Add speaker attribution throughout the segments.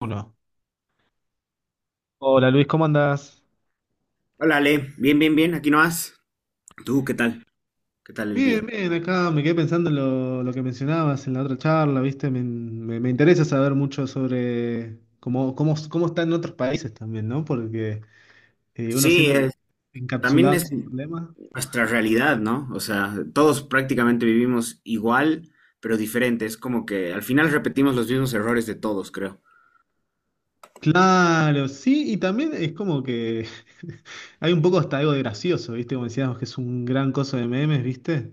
Speaker 1: Uno. Hola Luis, ¿cómo andás?
Speaker 2: Hola, Ale. Bien, bien, bien. Aquí no vas. ¿Tú qué tal? ¿Qué tal el
Speaker 1: Bien,
Speaker 2: día?
Speaker 1: bien, acá me quedé pensando en lo que mencionabas en la otra charla, ¿viste? Me interesa saber mucho sobre cómo está en otros países también, ¿no? Porque uno
Speaker 2: Sí,
Speaker 1: siempre
Speaker 2: es-
Speaker 1: está
Speaker 2: También
Speaker 1: encapsulado en
Speaker 2: es
Speaker 1: sus problemas.
Speaker 2: nuestra realidad, ¿no? O sea, todos prácticamente vivimos igual, pero diferente. Es como que al final repetimos los mismos errores de todos, creo.
Speaker 1: Claro, sí, y también es como que hay un poco hasta algo de gracioso, ¿viste? Como decíamos que es un gran coso de memes, ¿viste?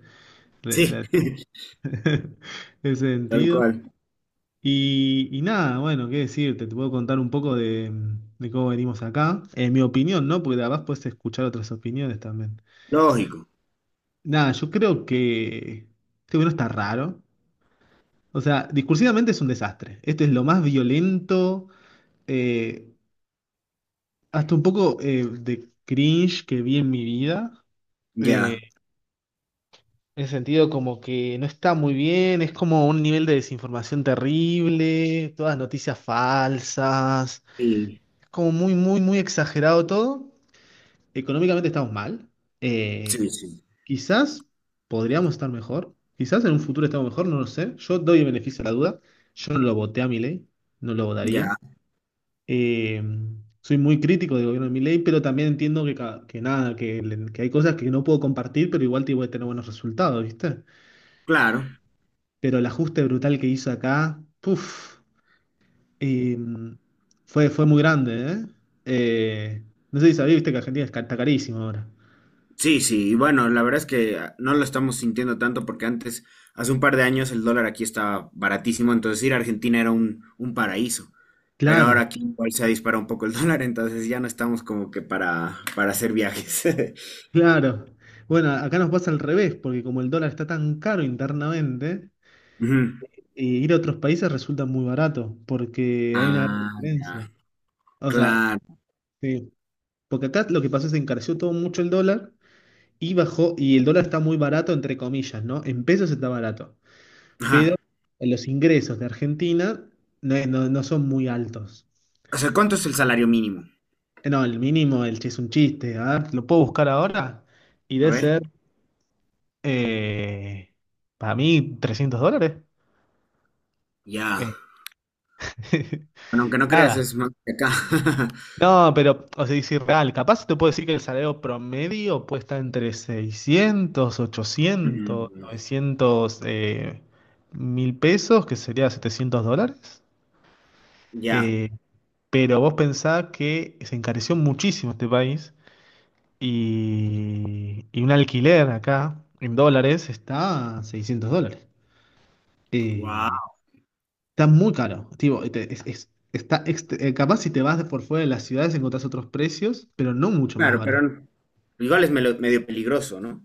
Speaker 1: Re-
Speaker 2: Sí,
Speaker 1: la- ese
Speaker 2: tal
Speaker 1: sentido.
Speaker 2: cual.
Speaker 1: Y nada, bueno, qué decirte, te puedo contar un poco de cómo venimos acá. En mi opinión, ¿no? Porque además puedes escuchar otras opiniones también.
Speaker 2: Lógico.
Speaker 1: Nada, yo creo que este gobierno está raro. O sea, discursivamente es un desastre. Este es lo más violento, eh, hasta un poco de cringe que vi en mi vida.
Speaker 2: Ya.
Speaker 1: Eh, en el sentido como que no está muy bien, es como un nivel de desinformación terrible, todas noticias falsas.
Speaker 2: Sí.
Speaker 1: Como muy exagerado todo. Económicamente estamos mal.
Speaker 2: Sí,
Speaker 1: Eh,
Speaker 2: sí.
Speaker 1: Quizás podríamos estar mejor. Quizás en un futuro estamos mejor, no lo sé. Yo doy el beneficio a la duda. Yo no lo voté a Milei, no lo votaría.
Speaker 2: Ya.
Speaker 1: Eh, Soy muy crítico del gobierno de Milei, pero también entiendo que, que nada, que, que hay cosas que no puedo compartir, pero igual te voy a tener buenos resultados, ¿viste?
Speaker 2: Claro.
Speaker 1: Pero el ajuste brutal que hizo acá, puff. Y fue muy grande, ¿eh? No sé si sabía, viste que Argentina es está carísimo ahora.
Speaker 2: Sí, sí, y bueno, la verdad es que no lo estamos sintiendo tanto porque antes, hace un par de años, el dólar aquí estaba baratísimo, entonces ir a Argentina era un paraíso. Pero ahora
Speaker 1: Claro,
Speaker 2: aquí igual se dispara un poco el dólar, entonces ya no estamos como que para hacer viajes.
Speaker 1: claro. Bueno, acá nos pasa al revés, porque como el dólar está tan caro internamente,
Speaker 2: Ujú.
Speaker 1: ir a otros países resulta muy barato, porque hay una gran
Speaker 2: Ah,
Speaker 1: diferencia.
Speaker 2: ya.
Speaker 1: O sea,
Speaker 2: Claro.
Speaker 1: sí, porque acá lo que pasó es que se encareció todo mucho el dólar y bajó, y el dólar está muy barato, entre comillas, ¿no? En pesos está barato.
Speaker 2: Ajá.
Speaker 1: Los ingresos de Argentina no son muy altos.
Speaker 2: O sea, ¿cuánto es el salario mínimo?
Speaker 1: No, el mínimo del chiste es un chiste. A ver, lo puedo buscar ahora y
Speaker 2: A
Speaker 1: debe
Speaker 2: ver.
Speaker 1: ser, eh, para mí, $300.
Speaker 2: Ya.
Speaker 1: Este,
Speaker 2: Bueno, aunque no creas,
Speaker 1: nada.
Speaker 2: es más que acá.
Speaker 1: No, pero, o sea, es irreal. Capaz te puedo decir que el salario promedio puede estar entre 600, 800,
Speaker 2: Mm,
Speaker 1: 900 1000 pesos, que sería $700.
Speaker 2: ya.
Speaker 1: Eh, pero vos pensás que se encareció muchísimo este país. Y un alquiler acá en dólares está a 600 dólares. Eh,
Speaker 2: Wow.
Speaker 1: Está muy caro. Tipo, está capaz si te vas por fuera de las ciudades encontrás otros precios, pero no mucho más
Speaker 2: Claro, pero
Speaker 1: barato.
Speaker 2: igual es medio peligroso, ¿no?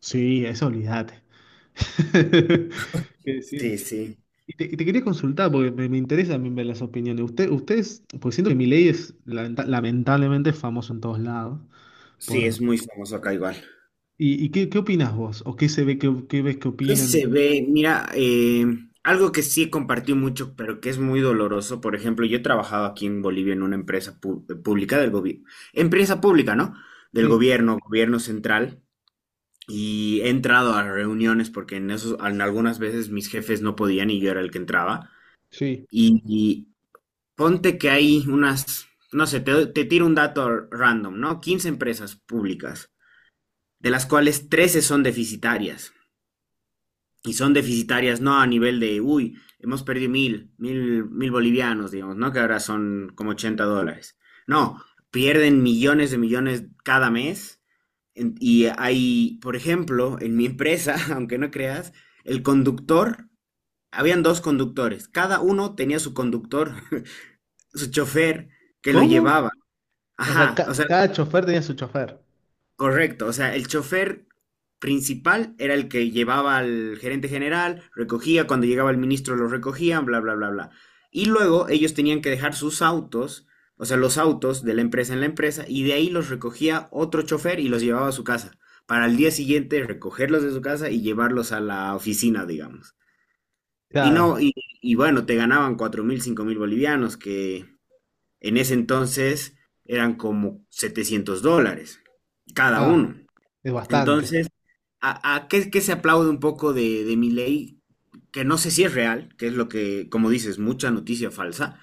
Speaker 1: Sí, eso olvídate. ¿Qué decirte?
Speaker 2: Sí, sí.
Speaker 1: Y te quería consultar porque me interesa también ver las opiniones. Ustedes, pues siento que Milei es lamentablemente es famoso en todos lados.
Speaker 2: Sí, es
Speaker 1: Por,
Speaker 2: muy famoso acá igual.
Speaker 1: qué opinas vos? ¿O qué se ve, qué ves que
Speaker 2: ¿Qué
Speaker 1: opinan? De-
Speaker 2: se ve? Mira, algo que sí compartí mucho, pero que es muy doloroso. Por ejemplo, yo he trabajado aquí en Bolivia en una empresa pública del gobierno, empresa pública, ¿no? Del
Speaker 1: Sí,
Speaker 2: gobierno, gobierno central. Y he entrado a reuniones porque en algunas veces mis jefes no podían y yo era el que entraba.
Speaker 1: sí.
Speaker 2: Y ponte que hay unas, no sé, te tiro un dato random, ¿no? 15 empresas públicas, de las cuales 13 son deficitarias. Y son deficitarias, no a nivel de, uy, hemos perdido mil, mil, mil bolivianos, digamos, ¿no? Que ahora son como 80 dólares. No, pierden millones de millones cada mes. Y hay, por ejemplo, en mi empresa, aunque no creas, el conductor, habían dos conductores, cada uno tenía su conductor, su chofer que lo
Speaker 1: ¿Cómo?
Speaker 2: llevaba.
Speaker 1: O sea,
Speaker 2: Ajá, o sea,
Speaker 1: cada chofer tenía su chofer.
Speaker 2: correcto, o sea, el chofer principal era el que llevaba al gerente general, recogía, cuando llegaba el ministro lo recogían, bla, bla, bla, bla. Y luego ellos tenían que dejar sus autos, o sea, los autos de la empresa en la empresa, y de ahí los recogía otro chofer y los llevaba a su casa, para al día siguiente recogerlos de su casa y llevarlos a la oficina, digamos. Y
Speaker 1: Claro.
Speaker 2: no, y bueno, te ganaban 4.000, 5.000 bolivianos, que en ese entonces eran como 700 dólares cada
Speaker 1: Ah,
Speaker 2: uno.
Speaker 1: es bastante.
Speaker 2: Entonces, ¿a qué se aplaude un poco de Milei? Que no sé si es real, que es lo que, como dices, mucha noticia falsa,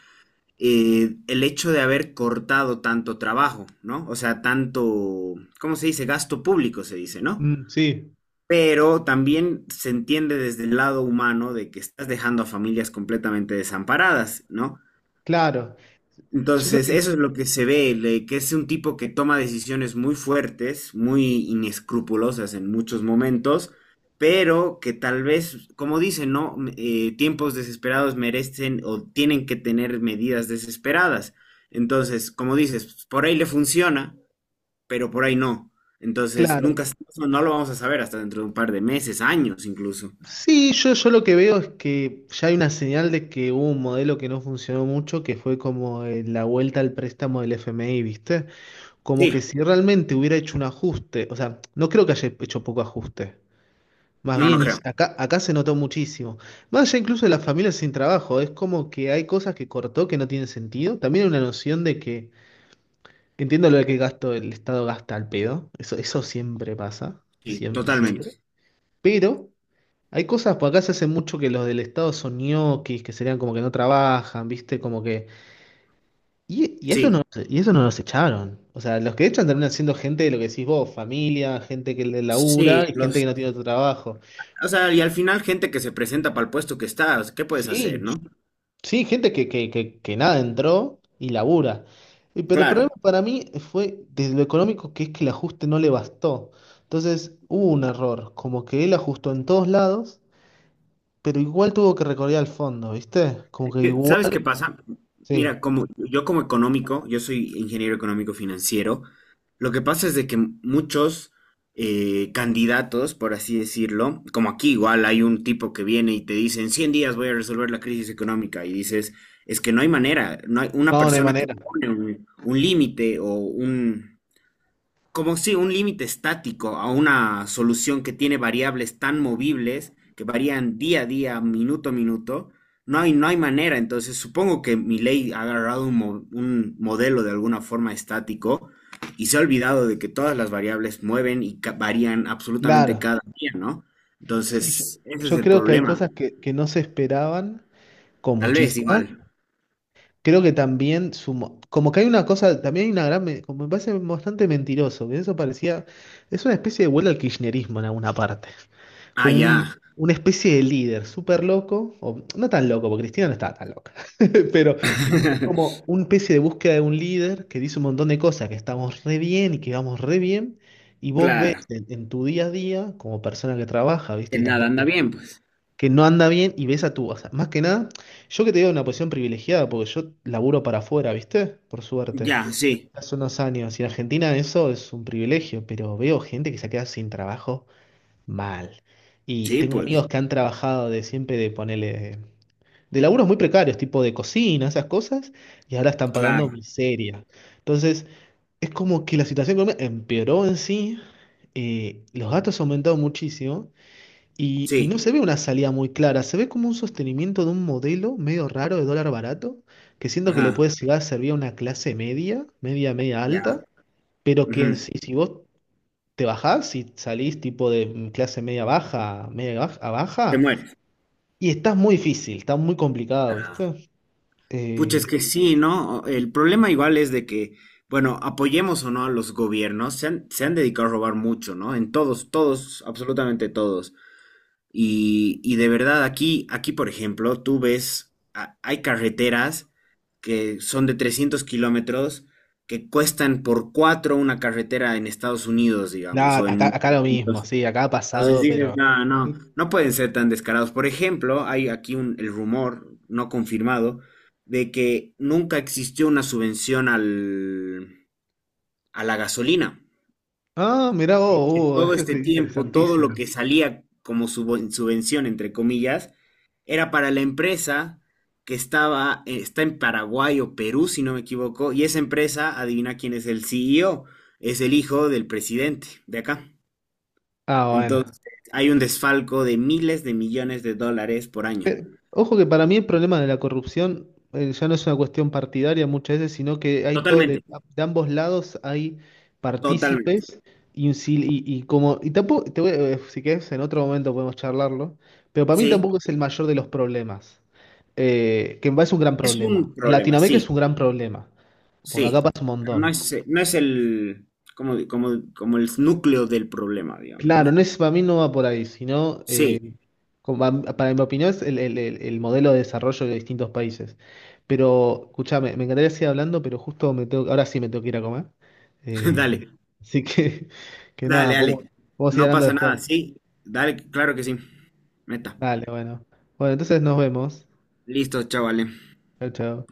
Speaker 2: el hecho de haber cortado tanto trabajo, ¿no? O sea, tanto, ¿cómo se dice? Gasto público se dice, ¿no?
Speaker 1: Mm, sí,
Speaker 2: Pero también se entiende desde el lado humano de que estás dejando a familias completamente desamparadas, ¿no?
Speaker 1: claro. Yo creo
Speaker 2: Entonces,
Speaker 1: que,
Speaker 2: eso es lo que se ve, que es un tipo que toma decisiones muy fuertes, muy inescrupulosas en muchos momentos, pero que tal vez, como dicen, ¿no? Tiempos desesperados merecen o tienen que tener medidas desesperadas. Entonces, como dices, por ahí le funciona, pero por ahí no. Entonces, nunca,
Speaker 1: claro.
Speaker 2: no lo vamos a saber hasta dentro de un par de meses, años incluso.
Speaker 1: Sí, yo lo que veo es que ya hay una señal de que hubo un modelo que no funcionó mucho, que fue como la vuelta al préstamo del FMI, ¿viste? Como que
Speaker 2: Sí,
Speaker 1: si realmente hubiera hecho un ajuste, o sea, no creo que haya hecho poco ajuste. Más
Speaker 2: no, no
Speaker 1: bien, hizo-
Speaker 2: creo.
Speaker 1: acá, acá se notó muchísimo. Más allá incluso de las familias sin trabajo, es como que hay cosas que cortó que no tienen sentido. También hay una noción de que entiendo lo que gasto, el Estado gasta al pedo, eso siempre pasa,
Speaker 2: Sí,
Speaker 1: siempre,
Speaker 2: totalmente.
Speaker 1: siempre. Pero hay cosas, por acá se hace mucho que los del Estado son ñoquis, que serían como que no trabajan, ¿viste? Como que... Y eso
Speaker 2: Sí,
Speaker 1: no, y eso no los echaron. O sea, los que echan terminan siendo gente de lo que decís vos, familia, gente que le labura
Speaker 2: sí,
Speaker 1: y gente
Speaker 2: los.
Speaker 1: que no tiene otro trabajo.
Speaker 2: O sea, y al final gente que se presenta para el puesto que está, o sea, ¿qué puedes hacer,
Speaker 1: Sí,
Speaker 2: no?
Speaker 1: sí, gente que nada entró y labura. Y- Pero el
Speaker 2: Claro.
Speaker 1: problema para mí fue desde lo económico, que es que el ajuste no le bastó. Entonces hubo un error, como que él ajustó en todos lados, pero igual tuvo que recorrer al fondo, ¿viste? Como
Speaker 2: Es
Speaker 1: que
Speaker 2: que,
Speaker 1: igual...
Speaker 2: ¿sabes qué pasa?
Speaker 1: Sí,
Speaker 2: Mira, como yo como económico, yo soy ingeniero económico financiero, lo que pasa es de que muchos candidatos, por así decirlo, como aquí igual hay un tipo que viene y te dice, en 100 días voy a resolver la crisis económica, y dices, es que no hay manera, no hay una
Speaker 1: no hay
Speaker 2: persona que
Speaker 1: manera.
Speaker 2: pone un límite como si un límite estático a una solución que tiene variables tan movibles que varían día a día, minuto a minuto, no hay manera. Entonces, supongo que ley ha agarrado un modelo de alguna forma estático y se ha olvidado de que todas las variables mueven y varían absolutamente
Speaker 1: Claro.
Speaker 2: cada día, ¿no?
Speaker 1: Sí,
Speaker 2: Entonces, ese es
Speaker 1: yo
Speaker 2: el
Speaker 1: creo que hay
Speaker 2: problema.
Speaker 1: cosas que no se esperaban, con
Speaker 2: Tal vez
Speaker 1: muchísimas,
Speaker 2: igual.
Speaker 1: creo que también sumo, como que hay una cosa, también hay una gran, como me parece bastante mentiroso, que eso parecía, es una especie de vuelta al kirchnerismo en alguna parte,
Speaker 2: Ah,
Speaker 1: como
Speaker 2: ya.
Speaker 1: una especie de líder súper loco, o no tan loco, porque Cristina no estaba tan loca, pero como una especie de búsqueda de un líder que dice un montón de cosas, que estamos re bien y que vamos re bien, y vos ves
Speaker 2: Claro.
Speaker 1: en tu día a día, como persona que trabaja,
Speaker 2: Que
Speaker 1: ¿viste? Y
Speaker 2: nada
Speaker 1: tampoco
Speaker 2: anda bien, pues.
Speaker 1: que no anda bien y ves a tu, o sea, más que nada, yo que te digo una posición privilegiada, porque yo laburo para afuera, ¿viste? Por suerte,
Speaker 2: Ya, sí.
Speaker 1: hace unos años, y en Argentina eso es un privilegio, pero veo gente que se queda sin trabajo mal. Y
Speaker 2: Sí,
Speaker 1: tengo
Speaker 2: pues.
Speaker 1: amigos que han trabajado de siempre de ponerle, de laburos muy precarios, tipo de cocina, esas cosas, y ahora están pagando
Speaker 2: Claro.
Speaker 1: miseria. Entonces, es como que la situación económica empeoró en sí, los gastos aumentaron muchísimo. Y no
Speaker 2: Sí.
Speaker 1: se ve una salida muy clara, se ve como un sostenimiento de un modelo medio raro de dólar barato, que siento que le
Speaker 2: Ajá.
Speaker 1: puede llegar a servir a una clase media, media
Speaker 2: Ya,
Speaker 1: alta, pero que en
Speaker 2: ujú,
Speaker 1: sí, si vos te bajás y salís tipo de clase media baja, a
Speaker 2: te
Speaker 1: baja,
Speaker 2: mueres.
Speaker 1: y estás muy difícil, está muy complicado,
Speaker 2: Ya.
Speaker 1: ¿viste?
Speaker 2: Pucha, es
Speaker 1: Eh,
Speaker 2: que sí, ¿no? El problema igual es de que, bueno, apoyemos o no a los gobiernos, se han dedicado a robar mucho, ¿no? En todos, todos, absolutamente todos. Y de verdad, aquí, por ejemplo, tú ves, hay carreteras que son de 300 kilómetros que cuestan por cuatro una carretera en Estados Unidos, digamos,
Speaker 1: nah,
Speaker 2: o
Speaker 1: acá,
Speaker 2: en...
Speaker 1: acá lo mismo, sí, acá ha
Speaker 2: Entonces
Speaker 1: pasado,
Speaker 2: dices,
Speaker 1: pero...
Speaker 2: no, no, no pueden ser tan descarados. Por ejemplo, hay aquí el rumor no confirmado de que nunca existió una subvención a la gasolina.
Speaker 1: Ah, mirá vos,
Speaker 2: Todo
Speaker 1: eso
Speaker 2: este
Speaker 1: es
Speaker 2: tiempo, todo lo
Speaker 1: interesantísimo.
Speaker 2: que salía como subvención, entre comillas, era para la empresa que estaba, está en Paraguay o Perú, si no me equivoco, y esa empresa, adivina quién es el CEO, es el hijo del presidente de acá.
Speaker 1: Ah, bueno.
Speaker 2: Entonces, hay un desfalco de miles de millones de dólares por año.
Speaker 1: Ojo que para mí el problema de la corrupción ya no es una cuestión partidaria muchas veces, sino que hay todo
Speaker 2: Totalmente.
Speaker 1: de ambos lados hay
Speaker 2: Totalmente.
Speaker 1: partícipes y, y como y tampoco te voy a- si querés en otro momento podemos charlarlo, pero para mí
Speaker 2: Sí.
Speaker 1: tampoco es el mayor de los problemas, que me parece un gran
Speaker 2: Es un
Speaker 1: problema. En
Speaker 2: problema,
Speaker 1: Latinoamérica
Speaker 2: sí,
Speaker 1: es un gran problema, porque
Speaker 2: sí.
Speaker 1: acá pasa un
Speaker 2: Pero no
Speaker 1: montón.
Speaker 2: es, no es el, como el núcleo del problema, digamos,
Speaker 1: Claro,
Speaker 2: ¿no?
Speaker 1: no es, para mí no va por ahí, sino,
Speaker 2: Sí,
Speaker 1: como para mi opinión, es el modelo de desarrollo de distintos países. Pero, escúchame, me encantaría seguir hablando, pero justo me tengo, ahora sí me tengo que ir a comer. Eh,
Speaker 2: dale,
Speaker 1: Así que, que
Speaker 2: dale,
Speaker 1: nada,
Speaker 2: dale.
Speaker 1: podemos ir
Speaker 2: No
Speaker 1: hablando
Speaker 2: pasa
Speaker 1: después.
Speaker 2: nada, sí. Dale, claro que sí. Meta.
Speaker 1: Dale, bueno. Bueno, entonces nos vemos.
Speaker 2: Listo, chavales.
Speaker 1: Chao, chao.